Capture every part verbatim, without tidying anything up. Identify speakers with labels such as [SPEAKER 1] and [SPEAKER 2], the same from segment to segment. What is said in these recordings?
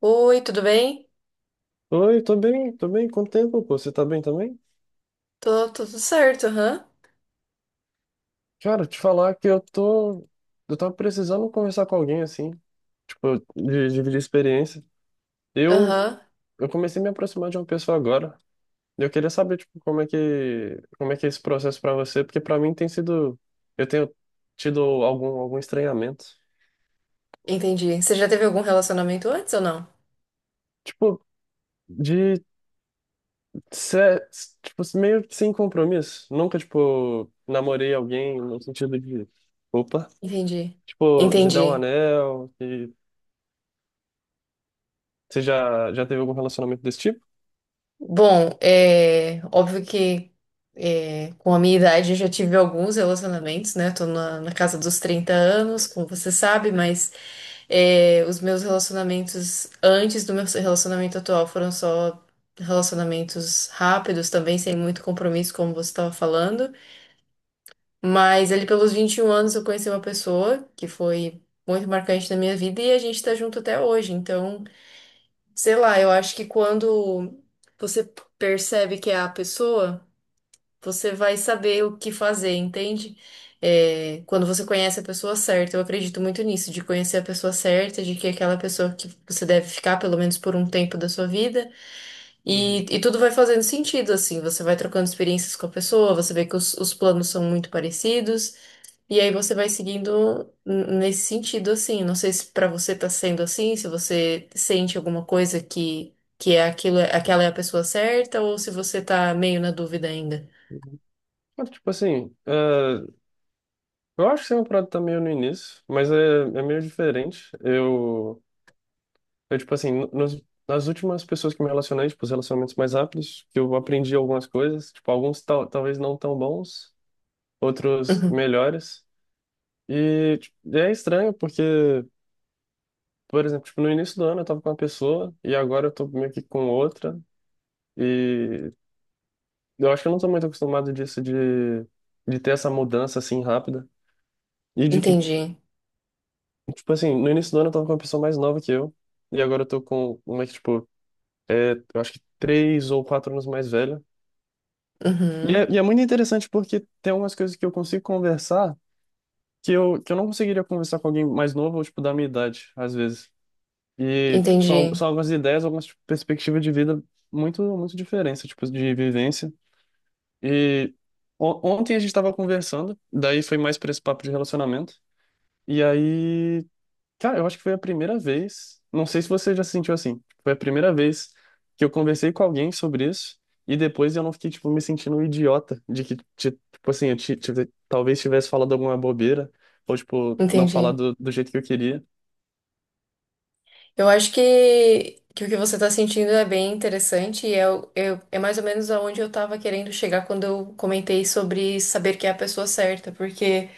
[SPEAKER 1] Oi, tudo bem?
[SPEAKER 2] Oi, tô bem, tô bem. Quanto tempo, pô? Você tá bem também?
[SPEAKER 1] Tô, tô tudo certo, aham.
[SPEAKER 2] Cara, te falar que eu tô. Eu tava precisando conversar com alguém, assim, tipo, de dividir experiência. Eu,
[SPEAKER 1] Aham,
[SPEAKER 2] eu comecei a me aproximar de uma pessoa agora. E eu queria saber, tipo, como é que, como é que é esse processo pra você, porque pra mim tem sido. Eu tenho tido algum, algum estranhamento.
[SPEAKER 1] entendi. Você já teve algum relacionamento antes ou não?
[SPEAKER 2] Tipo, de ser, tipo, meio que sem compromisso. Nunca, tipo, namorei alguém no sentido de. Opa.
[SPEAKER 1] Entendi.
[SPEAKER 2] Tipo, de dar um
[SPEAKER 1] Entendi.
[SPEAKER 2] anel. Você já, já teve algum relacionamento desse tipo?
[SPEAKER 1] Bom, é óbvio que é, com a minha idade eu já tive alguns relacionamentos, né? Tô na, na casa dos trinta anos, como você sabe, mas é, os meus relacionamentos antes do meu relacionamento atual foram só relacionamentos rápidos também, sem muito compromisso, como você estava falando. Mas ali pelos vinte e um anos eu conheci uma pessoa que foi muito marcante na minha vida e a gente tá junto até hoje. Então, sei lá, eu acho que quando você percebe que é a pessoa, você vai saber o que fazer, entende? É, quando você conhece a pessoa certa, eu acredito muito nisso, de conhecer a pessoa certa, de que é aquela pessoa que você deve ficar pelo menos por um tempo da sua vida, e,
[SPEAKER 2] Uhum.
[SPEAKER 1] e tudo vai fazendo sentido, assim, você vai trocando experiências com a pessoa, você vê que os os planos são muito parecidos. E aí você vai seguindo n- nesse sentido, assim. Não sei se pra você tá sendo assim, se você sente alguma coisa que, que é aquilo, aquela é a pessoa certa, ou se você tá meio na dúvida ainda.
[SPEAKER 2] Mas, tipo assim, é, eu acho que é uma parada tá meio no início, mas é, é meio diferente. Eu, eu tipo assim, no- nos, nas últimas pessoas que me relacionei, tipo, os relacionamentos mais rápidos, que eu aprendi algumas coisas, tipo, alguns tal, talvez não tão bons, outros
[SPEAKER 1] Uhum.
[SPEAKER 2] melhores. E tipo, é estranho porque, por exemplo, tipo, no início do ano eu tava com uma pessoa e agora eu tô meio que com outra. e Eu acho que eu não sou muito acostumado disso de, de ter essa mudança assim rápida. E de que,
[SPEAKER 1] Entendi.
[SPEAKER 2] tipo assim, no início do ano eu tava com uma pessoa mais nova que eu. E agora eu tô com uma que, tipo, é, eu acho que três ou quatro anos mais velha. E é,
[SPEAKER 1] Uhum.
[SPEAKER 2] e é muito interessante porque tem algumas coisas que eu consigo conversar que eu, que eu não conseguiria conversar com alguém mais novo ou, tipo, da minha idade, às vezes. E, tipo, são,
[SPEAKER 1] Entendi.
[SPEAKER 2] são algumas ideias, algumas, tipo, perspectivas de vida muito, muito diferentes, tipo, de vivência. E on- ontem a gente tava conversando, daí foi mais pra esse papo de relacionamento. E aí, cara, eu acho que foi a primeira vez, não sei se você já se sentiu assim, foi a primeira vez que eu conversei com alguém sobre isso e depois eu não fiquei, tipo, me sentindo um idiota de que, ti- tipo assim, eu ti- tive- talvez tivesse falado alguma bobeira ou, tipo, não
[SPEAKER 1] Entendi.
[SPEAKER 2] falado do jeito que eu queria.
[SPEAKER 1] Eu acho que, que o que você tá sentindo é bem interessante e é, o- é, é mais ou menos aonde eu tava querendo chegar quando eu comentei sobre saber que é a pessoa certa, porque.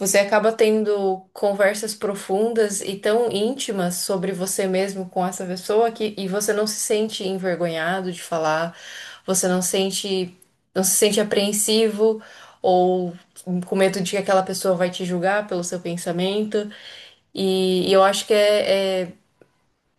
[SPEAKER 1] Você acaba tendo conversas profundas e tão íntimas sobre você mesmo com essa pessoa que e você não se sente envergonhado de falar, você não sente, não se sente apreensivo ou com medo de que aquela pessoa vai te julgar pelo seu pensamento. E, e eu acho que é é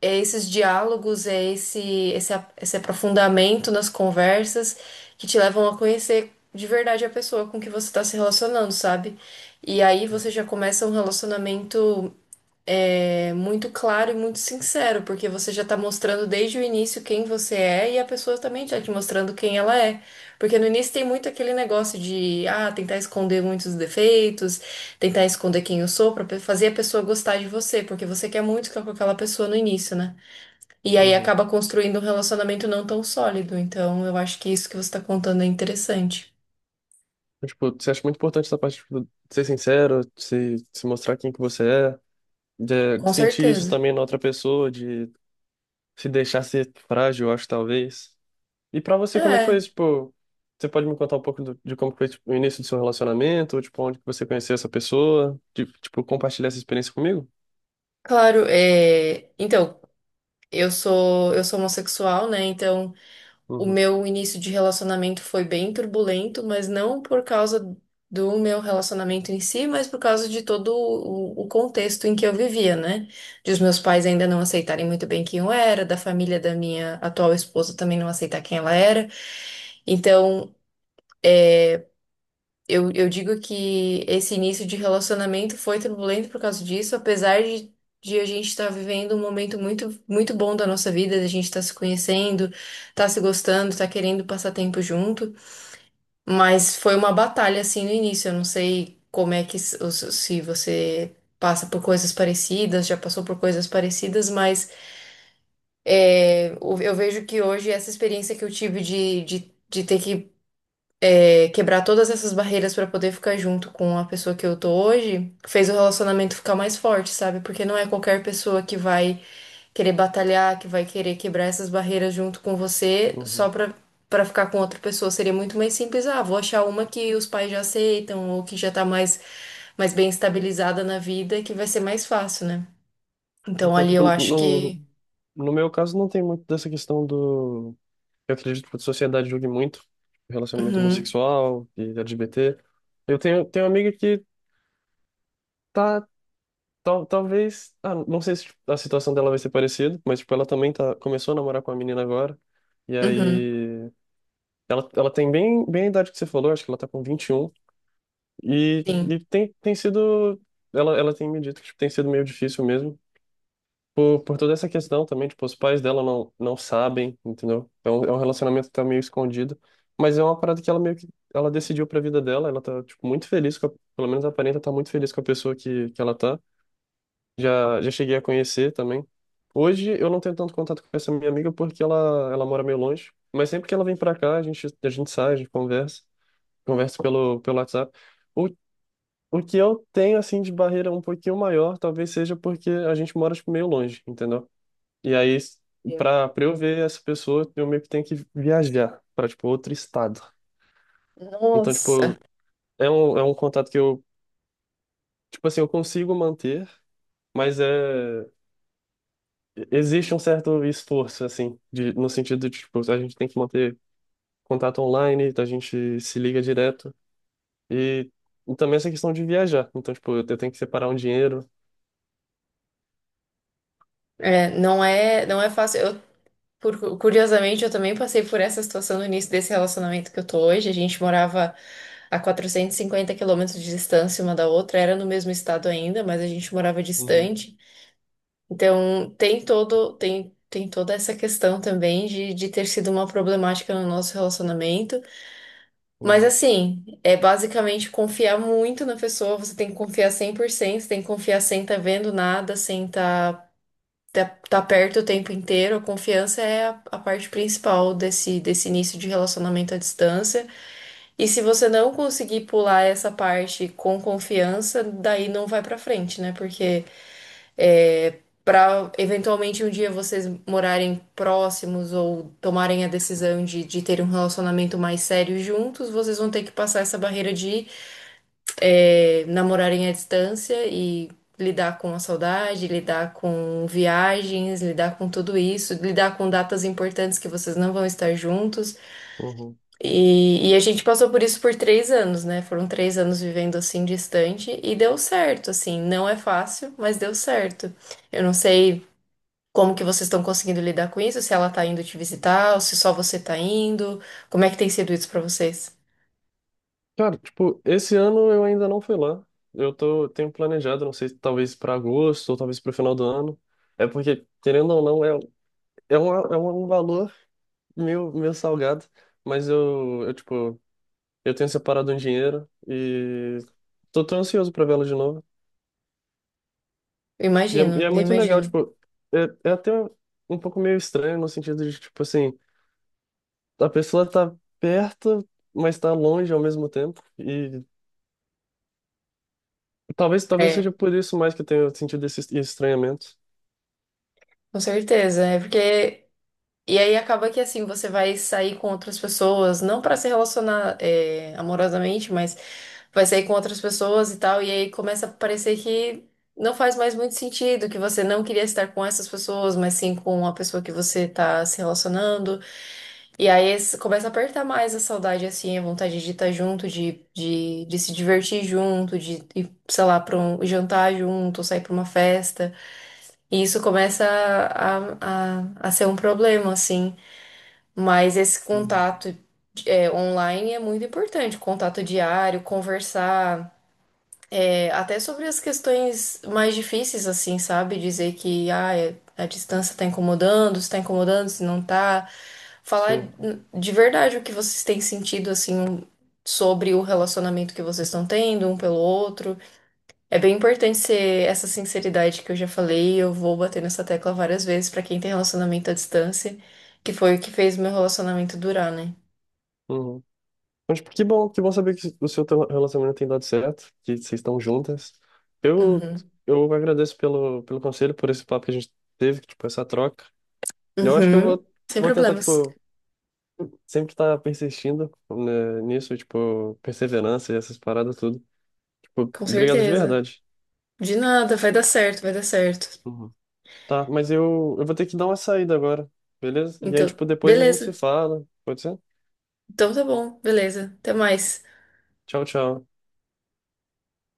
[SPEAKER 1] é esses diálogos, é esse, esse, a- esse aprofundamento nas conversas que te levam a conhecer de verdade a pessoa com que você está se relacionando, sabe? E aí você já começa um relacionamento é, muito claro e muito sincero, porque você já tá mostrando desde o início quem você é e a pessoa também já te mostrando quem ela é. Porque no início tem muito aquele negócio de, ah, tentar esconder muitos defeitos, tentar esconder quem eu sou pra pe- fazer a pessoa gostar de você, porque você quer muito ficar com aquela pessoa no início, né? E aí
[SPEAKER 2] Uhum.
[SPEAKER 1] acaba construindo um relacionamento não tão sólido. Então, eu acho que isso que você está contando é interessante.
[SPEAKER 2] Então, tipo, você acha muito importante essa parte, tipo, de ser sincero, de se, de se mostrar quem que você é, de, de
[SPEAKER 1] Com
[SPEAKER 2] sentir isso
[SPEAKER 1] certeza.
[SPEAKER 2] também na outra pessoa, se deixasse frágil, eu acho, talvez. E pra você, como é que foi
[SPEAKER 1] É,
[SPEAKER 2] isso? Tipo, você pode me contar um pouco do- de como foi, tipo, o início do seu relacionamento, tipo, onde que você conheceu essa pessoa, de, tipo, compartilhar essa experiência comigo?
[SPEAKER 1] claro. é, Então, eu sou eu sou homossexual, né? Então, o
[SPEAKER 2] Uhum,
[SPEAKER 1] meu início de relacionamento foi bem turbulento, mas não por causa do meu relacionamento em si, mas por causa de todo o, o contexto em que eu vivia, né? De os meus pais ainda não aceitarem muito bem quem eu era, da família da minha atual esposa também não aceitar quem ela era. Então, Eu, eu digo que esse início de relacionamento foi turbulento por causa disso, apesar de, de a gente estar vivendo um momento muito, muito bom da nossa vida, da gente estar se conhecendo, estar se gostando, estar querendo passar tempo junto. Mas foi uma batalha assim no início. Eu não sei como é que s- os- se você passa por coisas parecidas, já passou por coisas parecidas, mas é, eu eu vejo que hoje essa experiência que eu tive de, de, de ter que é, quebrar todas essas barreiras pra poder ficar junto com a pessoa que eu tô hoje, fez o relacionamento ficar mais forte, sabe? Porque não é qualquer pessoa que vai querer batalhar, que vai querer quebrar essas barreiras junto com você só
[SPEAKER 2] uhum.
[SPEAKER 1] pra, pra ficar com outra pessoa. Seria muito mais simples, ah, vou achar uma que os pais já aceitam ou que já tá mais, mais bem estabilizada na vida, que vai ser mais fácil, né? Então
[SPEAKER 2] Então,
[SPEAKER 1] ali
[SPEAKER 2] tipo,
[SPEAKER 1] eu acho
[SPEAKER 2] no,
[SPEAKER 1] que.
[SPEAKER 2] no meu caso, não tem muito dessa questão do... Eu acredito que a sociedade julgue muito relacionamento
[SPEAKER 1] Uhum,
[SPEAKER 2] homossexual e L G B T. Eu tenho, tenho uma amiga que tá. Tal, talvez. Ah, não sei se tipo, a situação dela vai ser parecida, mas tipo, ela também tá, começou a namorar com a menina agora. E
[SPEAKER 1] uhum,
[SPEAKER 2] aí. Ela, ela tem bem, bem a idade que você falou, acho que ela tá com vinte e um e
[SPEAKER 1] sim.
[SPEAKER 2] e tem, tem sido. Ela, ela tem me dito que tipo, tem sido meio difícil mesmo. Por, por toda essa questão também, tipo, os pais dela não, não sabem, entendeu? É um, é um relacionamento que tá meio escondido. Mas é uma parada que ela meio que. Ela decidiu pra vida dela, ela tá, tipo, muito feliz com a, pelo menos aparenta estar muito feliz com a pessoa que, que ela tá. Já, já cheguei a conhecer também. Hoje eu não tenho tanto contato com essa minha amiga porque ela, ela mora meio longe. Mas sempre que ela vem pra cá, a gente, a gente sai, a gente conversa, conversa pelo, pelo WhatsApp. O, o que eu tenho, assim, de barreira um pouquinho maior, talvez seja porque a gente mora, tipo, meio longe, entendeu? E aí, pra, pra eu ver essa pessoa, eu meio que tenho que viajar pra, tipo, outro estado. Então,
[SPEAKER 1] Nossa.
[SPEAKER 2] tipo, é um, é um contato que eu, tipo assim, eu consigo manter, mas é. Existe um certo esforço, assim, de, no sentido de, tipo, a gente tem que manter contato online, a gente se liga direto. E, e também essa questão de viajar. Então, tipo, eu tenho que separar um dinheiro.
[SPEAKER 1] É, não é, não é fácil. Eu Por- curiosamente, eu também passei por essa situação no início desse relacionamento que eu tô hoje. A gente morava a quatrocentos e cinquenta quilômetros de distância uma da outra, era no mesmo estado ainda, mas a gente morava
[SPEAKER 2] Uhum,
[SPEAKER 1] distante. Então, tem todo, tem, tem toda essa questão também de, de ter sido uma problemática no nosso relacionamento. Mas,
[SPEAKER 2] uhum,
[SPEAKER 1] assim, é basicamente confiar muito na pessoa, você tem que confiar cem por cento, você tem que confiar sem estar tá vendo nada, sem estar tá, tá perto o tempo inteiro, a confiança é a, a parte principal desse, desse início de relacionamento à distância. E se você não conseguir pular essa parte com confiança, daí não vai pra frente, né? Porque é, para eventualmente um dia vocês morarem próximos ou tomarem a decisão de, de ter um relacionamento mais sério juntos, vocês vão ter que passar essa barreira de é, namorarem à distância e lidar com a saudade, lidar com viagens, lidar com tudo isso, lidar com datas importantes que vocês não vão estar juntos.
[SPEAKER 2] uhum.
[SPEAKER 1] E, e a gente passou por isso por três anos, né? Foram três anos vivendo assim distante e deu certo, assim. Não é fácil, mas deu certo. Eu não sei. Como que vocês estão conseguindo lidar com isso? Se ela tá indo te visitar, ou se só você tá indo? Como é que tem sido isso pra vocês?
[SPEAKER 2] Cara, tipo, esse ano eu ainda não fui lá. Eu tô, tenho planejado, não sei, talvez para agosto ou talvez para o final do ano. É porque, querendo ou não, é, é, uma, é um valor meio, meio salgado, mas eu, eu, tipo, eu tenho separado um dinheiro e tô, tô ansioso pra vê-lo de novo.
[SPEAKER 1] Eu
[SPEAKER 2] E é, e
[SPEAKER 1] imagino,
[SPEAKER 2] é
[SPEAKER 1] eu
[SPEAKER 2] muito legal,
[SPEAKER 1] imagino.
[SPEAKER 2] tipo, é, é até um pouco meio estranho no sentido de, tipo assim, a pessoa tá perto, mas tá longe ao mesmo tempo. E talvez, talvez seja
[SPEAKER 1] É,
[SPEAKER 2] por isso mais que eu tenha sentido esse estranhamento.
[SPEAKER 1] com certeza. É porque E aí acaba que assim, você vai sair com outras pessoas, não pra se relacionar é, amorosamente, mas vai sair com outras pessoas e tal, e aí começa a parecer que não faz mais muito sentido, que você não queria estar com essas pessoas, mas sim com a pessoa que você tá se relacionando. E aí esse- começa a apertar mais a saudade, assim, a vontade de estar junto, de, de, de se divertir junto, de ir, sei lá, pra um jantar junto, sair pra uma festa. E isso começa a, a, a ser um problema, assim. Mas esse
[SPEAKER 2] Hum.
[SPEAKER 1] contato é, online é muito importante, contato diário, conversar, é, até sobre as questões mais difíceis, assim, sabe? Dizer que ah, é- a distância tá incomodando, se tá incomodando, se não tá. Falar
[SPEAKER 2] Sim.
[SPEAKER 1] de verdade o que vocês têm sentido, assim, sobre o relacionamento que vocês estão tendo um pelo outro. É bem importante ser essa sinceridade que eu já falei, eu vou bater nessa tecla várias vezes pra quem tem relacionamento à distância, que foi o que fez meu relacionamento durar, né?
[SPEAKER 2] Uhum. Mas tipo, que bom, que bom saber que o seu teu relacionamento tem dado certo, que vocês estão juntas. Eu,
[SPEAKER 1] Uhum.
[SPEAKER 2] eu agradeço pelo, pelo conselho, por esse papo que a gente teve, tipo, essa troca. Eu acho que eu
[SPEAKER 1] Uhum.
[SPEAKER 2] vou,
[SPEAKER 1] Sem
[SPEAKER 2] vou tentar,
[SPEAKER 1] problemas.
[SPEAKER 2] tipo, sempre estar persistindo, né, nisso, tipo, perseverança e essas paradas tudo. Tipo,
[SPEAKER 1] Com
[SPEAKER 2] obrigado de
[SPEAKER 1] certeza.
[SPEAKER 2] verdade.
[SPEAKER 1] De nada, vai dar certo, vai dar certo.
[SPEAKER 2] Uhum. Tá, mas eu, eu vou ter que dar uma saída agora, beleza? E aí,
[SPEAKER 1] Então,
[SPEAKER 2] tipo, depois a gente se
[SPEAKER 1] beleza.
[SPEAKER 2] fala, pode ser?
[SPEAKER 1] Então tá bom, beleza. Até mais.
[SPEAKER 2] Tchau, tchau.